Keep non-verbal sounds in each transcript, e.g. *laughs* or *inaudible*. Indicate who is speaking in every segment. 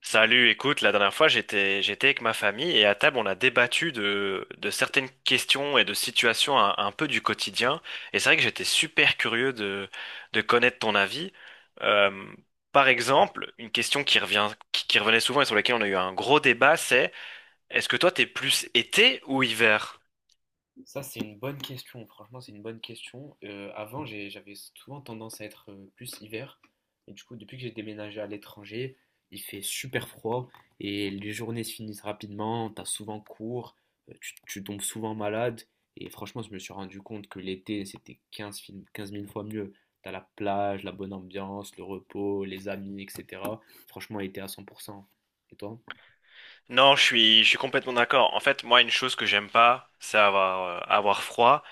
Speaker 1: Salut, écoute, la dernière fois j'étais avec ma famille et à table on a débattu de certaines questions et de situations un peu du quotidien et c'est vrai que j'étais super curieux de connaître ton avis. Euh, Par exemple, une question qui revient qui revenait souvent et sur laquelle on a eu un gros débat, c'est est-ce que toi t'es plus été ou hiver?
Speaker 2: Ça, c'est une bonne question. Franchement, c'est une bonne question. Avant, j'avais souvent tendance à être plus hiver. Et du coup, depuis que j'ai déménagé à l'étranger, il fait super froid et les journées se finissent rapidement. T'as souvent cours, tu tombes souvent malade. Et franchement, je me suis rendu compte que l'été, c'était 15 000 fois mieux. T'as la plage, la bonne ambiance, le repos, les amis, etc. Franchement, été à 100%. Et toi?
Speaker 1: Non, je suis complètement d'accord. En fait, moi une chose que j'aime pas, c'est avoir avoir froid.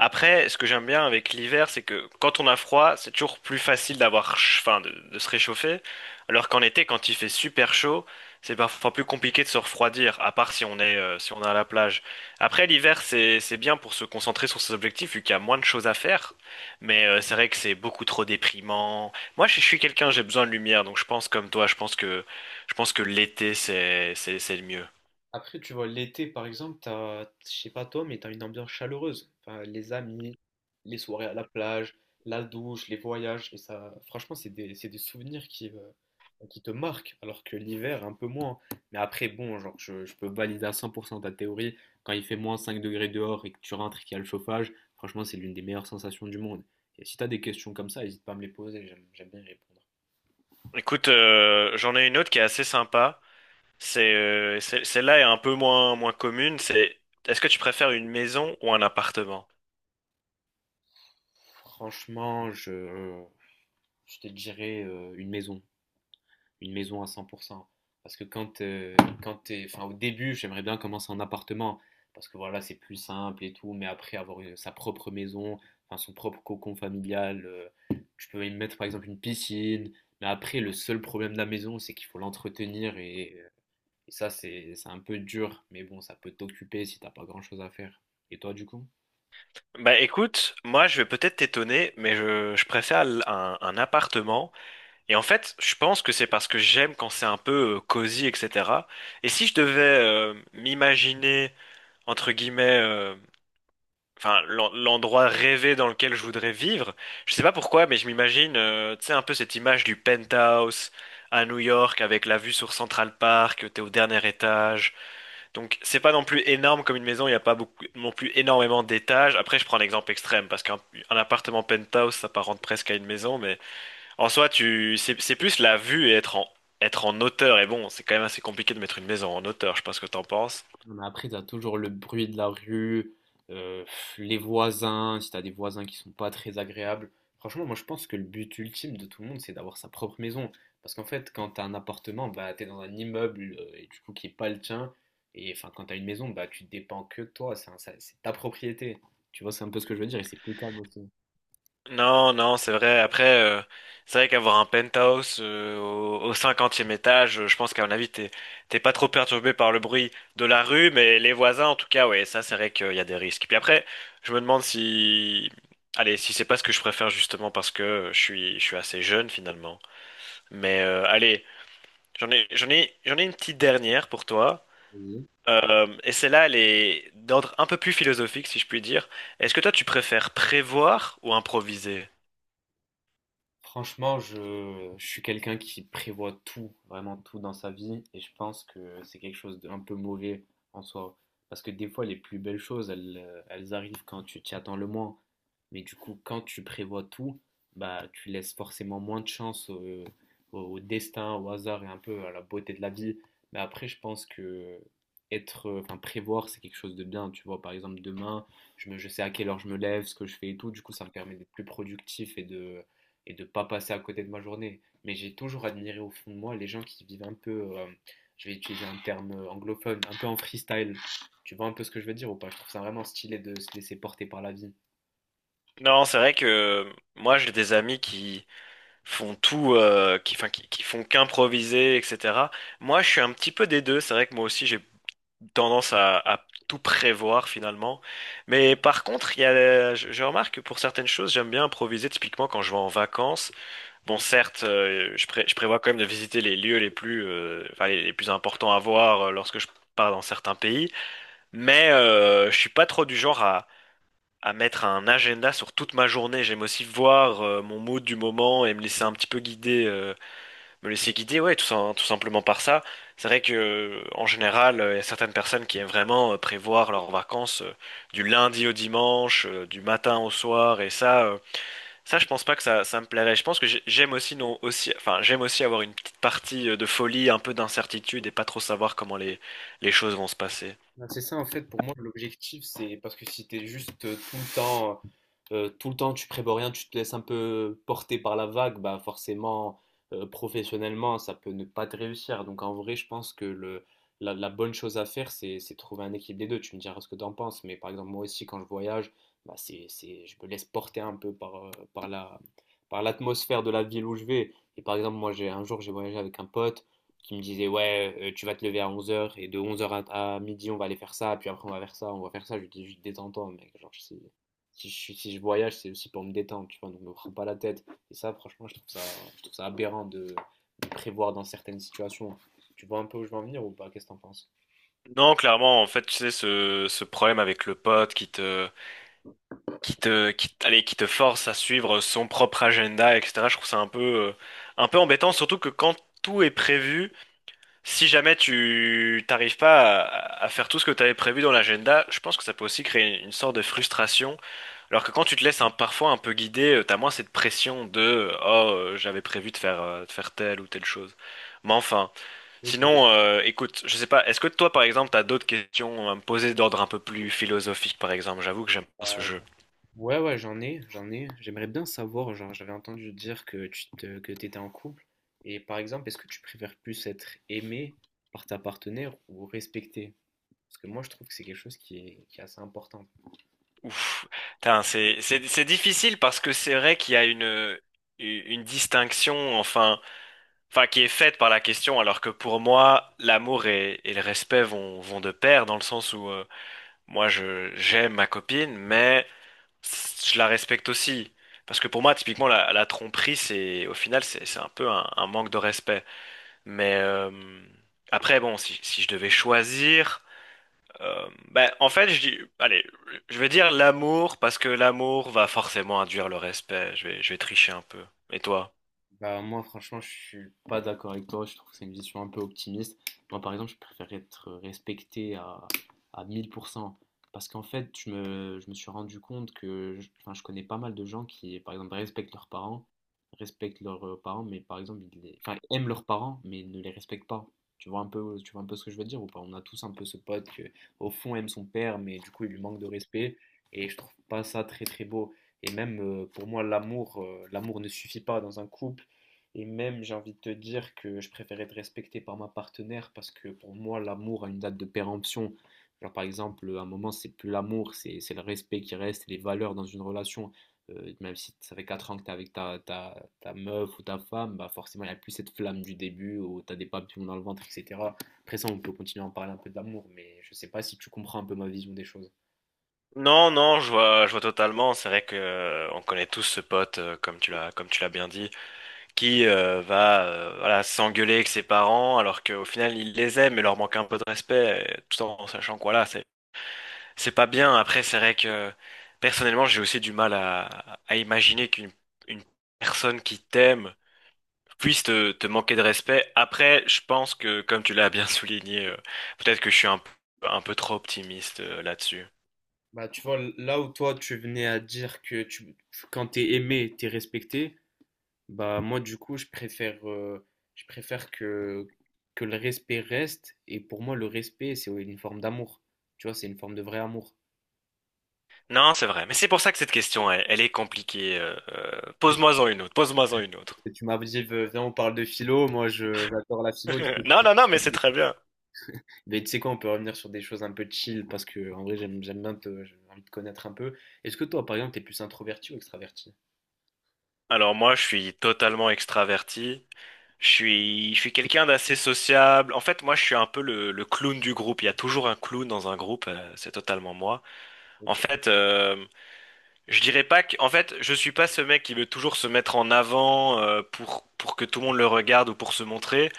Speaker 1: Après, ce que j'aime bien avec l'hiver, c'est que quand on a froid, c'est toujours plus facile d'avoir, enfin, de se réchauffer. Alors qu'en été, quand il fait super chaud, c'est parfois plus compliqué de se refroidir, à part si on est, si on est à la plage. Après, l'hiver, c'est bien pour se concentrer sur ses objectifs, vu qu'il y a moins de choses à faire. Mais c'est vrai que c'est beaucoup trop déprimant. Moi, je suis quelqu'un, j'ai besoin de lumière, donc je pense comme toi, je pense que l'été, c'est le mieux.
Speaker 2: Après, tu vois, l'été, par exemple, je sais pas toi, mais t'as une ambiance chaleureuse. Enfin, les amis, les soirées à la plage, la douche, les voyages, et ça, franchement, c'est des souvenirs qui te marquent, alors que l'hiver, un peu moins. Mais après, bon, genre, je peux valider à 100% ta théorie. Quand il fait moins 5 degrés dehors et que tu rentres et qu'il y a le chauffage, franchement, c'est l'une des meilleures sensations du monde. Et si t'as des questions comme ça, n'hésite pas à me les poser, j'aime bien y répondre.
Speaker 1: Écoute, j'en ai une autre qui est assez sympa. Celle-là est un peu moins commune. C'est, est-ce que tu préfères une maison ou un appartement?
Speaker 2: Franchement, je te dirais une maison. Une maison à 100%. Parce que quand t'es, enfin, au début, j'aimerais bien commencer en appartement. Parce que voilà, c'est plus simple et tout. Mais après, avoir sa propre maison, enfin, son propre cocon familial, tu peux y mettre par exemple une piscine. Mais après, le seul problème de la maison, c'est qu'il faut l'entretenir. Et ça, c'est un peu dur. Mais bon, ça peut t'occuper si t'as pas grand-chose à faire. Et toi, du coup?
Speaker 1: Bah écoute, moi je vais peut-être t'étonner, mais je préfère un appartement. Et en fait, je pense que c'est parce que j'aime quand c'est un peu cosy, etc. Et si je devais m'imaginer, entre guillemets, enfin l'endroit rêvé dans lequel je voudrais vivre, je sais pas pourquoi, mais je m'imagine, tu sais, un peu cette image du penthouse à New York avec la vue sur Central Park, t'es au dernier étage. Donc c'est pas non plus énorme comme une maison, il n'y a pas beaucoup, non plus énormément d'étages. Après je prends l'exemple extrême parce qu'un un appartement penthouse s'apparente presque à une maison, mais en soi tu c'est plus la vue et être en hauteur. Et bon, c'est quand même assez compliqué de mettre une maison en hauteur. Je sais pas ce que t'en penses.
Speaker 2: Mais après, t'as toujours le bruit de la rue, euh, les voisins, si t'as des voisins qui sont pas très agréables. Franchement, moi je pense que le but ultime de tout le monde, c'est d'avoir sa propre maison. Parce qu'en fait, quand t'as un appartement, bah t'es dans un immeuble et du coup qui est pas le tien. Et enfin, quand t'as une maison, bah tu dépends que de toi, c'est ta propriété. Tu vois, c'est un peu ce que je veux dire et c'est plus calme aussi.
Speaker 1: Non, non, c'est vrai. Après, c'est vrai qu'avoir un penthouse au 50e étage, je pense qu'à mon avis, t'es pas trop perturbé par le bruit de la rue, mais les voisins, en tout cas, ouais, ça, c'est vrai qu'il y a des risques. Puis après, je me demande si, allez, si c'est pas ce que je préfère justement parce que je suis assez jeune finalement. Mais allez, j'en ai une petite dernière pour toi. Et celle-là, elle est d'ordre un peu plus philosophique, si je puis dire. Est-ce que toi, tu préfères prévoir ou improviser?
Speaker 2: Franchement, je suis quelqu'un qui prévoit tout, vraiment tout dans sa vie, et je pense que c'est quelque chose d'un peu mauvais en soi. Parce que des fois, les plus belles choses, elles arrivent quand tu t'y attends le moins. Mais du coup, quand tu prévois tout, bah, tu laisses forcément moins de chance au destin, au hasard et un peu à la beauté de la vie. Mais après, je pense que enfin, prévoir, c'est quelque chose de bien. Tu vois, par exemple, demain, je sais à quelle heure je me lève, ce que je fais et tout. Du coup, ça me permet d'être plus productif et de pas passer à côté de ma journée. Mais j'ai toujours admiré au fond de moi les gens qui vivent un peu, je vais utiliser un terme anglophone, un peu en freestyle. Tu vois un peu ce que je veux dire ou pas? Je trouve ça vraiment stylé de se laisser porter par la vie.
Speaker 1: Non, c'est vrai que moi j'ai des amis qui font tout, enfin, qui font qu'improviser, etc. Moi je suis un petit peu des deux, c'est vrai que moi aussi j'ai tendance à tout prévoir finalement. Mais par contre, il y a, je remarque que pour certaines choses j'aime bien improviser, typiquement quand je vais en vacances. Bon, certes, je prévois quand même de visiter les lieux les plus, enfin, les plus importants à voir lorsque je pars dans certains pays, mais je suis pas trop du genre à mettre un agenda sur toute ma journée. J'aime aussi voir mon mood du moment et me laisser un petit peu guider, me laisser guider, ouais, tout simplement par ça. C'est vrai que en général, il y a certaines personnes qui aiment vraiment prévoir leurs vacances du lundi au dimanche, du matin au soir, et ça, je pense pas que ça me plairait. Je pense que j'aime aussi non aussi, enfin, j'aime aussi avoir une petite partie de folie, un peu d'incertitude et pas trop savoir comment les choses vont se passer.
Speaker 2: Ben, c'est ça en fait pour moi l'objectif, c'est parce que si t'es juste tout le temps tu prévois rien, tu te laisses un peu porter par la vague, bah forcément professionnellement ça peut ne pas te réussir. Donc en vrai je pense que la bonne chose à faire, c'est trouver un équilibre des deux. Tu me diras ce que t'en penses, mais par exemple moi aussi quand je voyage, bah c'est je me laisse porter un peu par par la par l'atmosphère de la ville où je vais. Et par exemple, moi j'ai un jour j'ai voyagé avec un pote qui me disait ouais, tu vas te lever à 11 heures et de 11 heures à midi on va aller faire ça, puis après on va faire ça, on va faire ça. Je lui dis, juste détends-toi mec, genre, si si je voyage c'est aussi pour me détendre, tu vois, donc me prends pas la tête. Et ça, franchement, je trouve ça aberrant de prévoir dans certaines situations. Tu vois un peu où je veux en venir ou pas? Qu'est-ce que t'en penses?
Speaker 1: Non, clairement, en fait, tu sais, ce problème avec le pote allez, qui te force à suivre son propre agenda, etc. Je trouve ça un peu embêtant, surtout que quand tout est prévu, si jamais tu t'arrives pas à faire tout ce que tu avais prévu dans l'agenda, je pense que ça peut aussi créer une, sorte de frustration. Alors que quand tu te laisses un, parfois un peu guider, t'as moins cette pression de j'avais prévu de faire telle ou telle chose. Mais enfin,
Speaker 2: Ok,
Speaker 1: sinon, écoute, je sais pas, est-ce que toi par exemple t'as d'autres questions à me poser d'ordre un peu plus philosophique par exemple? J'avoue que j'aime pas ce
Speaker 2: ça-
Speaker 1: jeu.
Speaker 2: ouais, ouais, j'aimerais bien savoir, genre, j'avais entendu dire que que t'étais en couple. Et par exemple, est-ce que tu préfères plus être aimé par ta partenaire ou respecté? Parce que moi, je trouve que c'est quelque chose qui est assez important.
Speaker 1: Ouf, putain, c'est difficile parce que c'est vrai qu'il y a une distinction enfin qui est faite par la question alors que pour moi l'amour et le respect vont de pair dans le sens où moi je j'aime ma copine mais je la respecte aussi parce que pour moi typiquement la tromperie c'est au final c'est un peu un manque de respect mais après bon si je devais choisir en fait, je dis, allez, je vais dire l'amour parce que l'amour va forcément induire le respect. Je vais tricher un peu. Et toi?
Speaker 2: Bah, moi, franchement, je suis pas d'accord avec toi. Je trouve que c'est une vision un peu optimiste. Moi, par exemple, je préfère être respecté à 1000%. Parce qu'en fait, je me suis rendu compte que je connais pas mal de gens qui, par exemple, respectent leurs parents, mais par exemple, enfin, aiment leurs parents, mais ne les respectent pas. Tu vois un peu ce que je veux dire ou pas? On a tous un peu ce pote que, au fond, aime son père, mais du coup, il lui manque de respect. Et je trouve pas ça très, très beau. Et même pour moi, l'amour ne suffit pas dans un couple. Et même, j'ai envie de te dire que je préfère être respecté par ma partenaire parce que pour moi, l'amour a une date de péremption. Genre, par exemple, à un moment, c'est plus l'amour, c'est le respect qui reste, les valeurs dans une relation. Même si ça fait 4 ans que t'es avec ta meuf ou ta femme, bah forcément, il n'y a plus cette flamme du début où t'as des papillons dans le ventre, etc. Après ça, on peut continuer à en parler un peu d'amour, mais je sais pas si tu comprends un peu ma vision des choses.
Speaker 1: Non, non, je vois totalement. C'est vrai que on connaît tous ce pote, comme tu l'as bien dit, qui voilà, s'engueuler avec ses parents alors qu'au final il les aime et leur manque un peu de respect, tout en sachant que voilà, c'est pas bien. Après, c'est vrai que personnellement, j'ai aussi du mal à imaginer qu'une une personne qui t'aime puisse te manquer de respect. Après, je pense que, comme tu l'as bien *laughs* souligné, peut-être que je suis un peu trop optimiste là-dessus.
Speaker 2: Bah, tu vois, là où toi, tu venais à dire que, tu, quand t'es aimé, t'es respecté, bah moi du coup je préfère que le respect reste, et pour moi le respect c'est une forme d'amour. Tu vois, c'est une forme de vrai amour.
Speaker 1: Non, c'est vrai. Mais c'est pour ça que cette question, elle est compliquée. Pose-moi-en une autre. Pose-moi-en une autre.
Speaker 2: Parce que tu m'as dit, viens on parle de philo, moi je j'adore la philo du
Speaker 1: *laughs*
Speaker 2: coup.
Speaker 1: Non, non, non, mais c'est très bien.
Speaker 2: Mais tu sais quoi, on peut revenir sur des choses un peu chill, parce que en vrai j'aime bien te j'ai envie de connaître un peu. Est-ce que toi par exemple t'es plus introverti ou extraverti?
Speaker 1: Alors moi, je suis totalement extraverti. Je suis quelqu'un d'assez sociable. En fait, moi, je suis un peu le clown du groupe. Il y a toujours un clown dans un groupe. C'est totalement moi. En
Speaker 2: Ok.
Speaker 1: fait, euh, Je dirais pas que, en fait, je suis pas ce mec qui veut toujours se mettre en avant pour que tout le monde le regarde ou pour se montrer.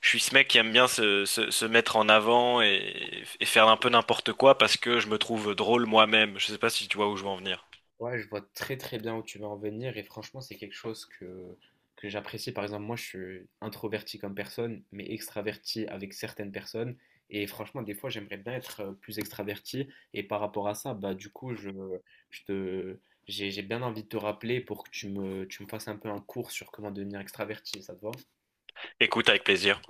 Speaker 1: Je suis ce mec qui aime bien se mettre en avant et faire un peu n'importe quoi parce que je me trouve drôle moi-même. Je sais pas si tu vois où je veux en venir.
Speaker 2: Ouais, je vois très très bien où tu veux en venir, et franchement, c'est quelque chose que j'apprécie. Par exemple, moi, je suis introverti comme personne, mais extraverti avec certaines personnes. Et franchement, des fois, j'aimerais bien être plus extraverti. Et par rapport à ça, bah, du coup, je te, j'ai bien envie de te rappeler pour que tu me fasses un peu un cours sur comment devenir extraverti. Ça te va?
Speaker 1: Écoute avec plaisir.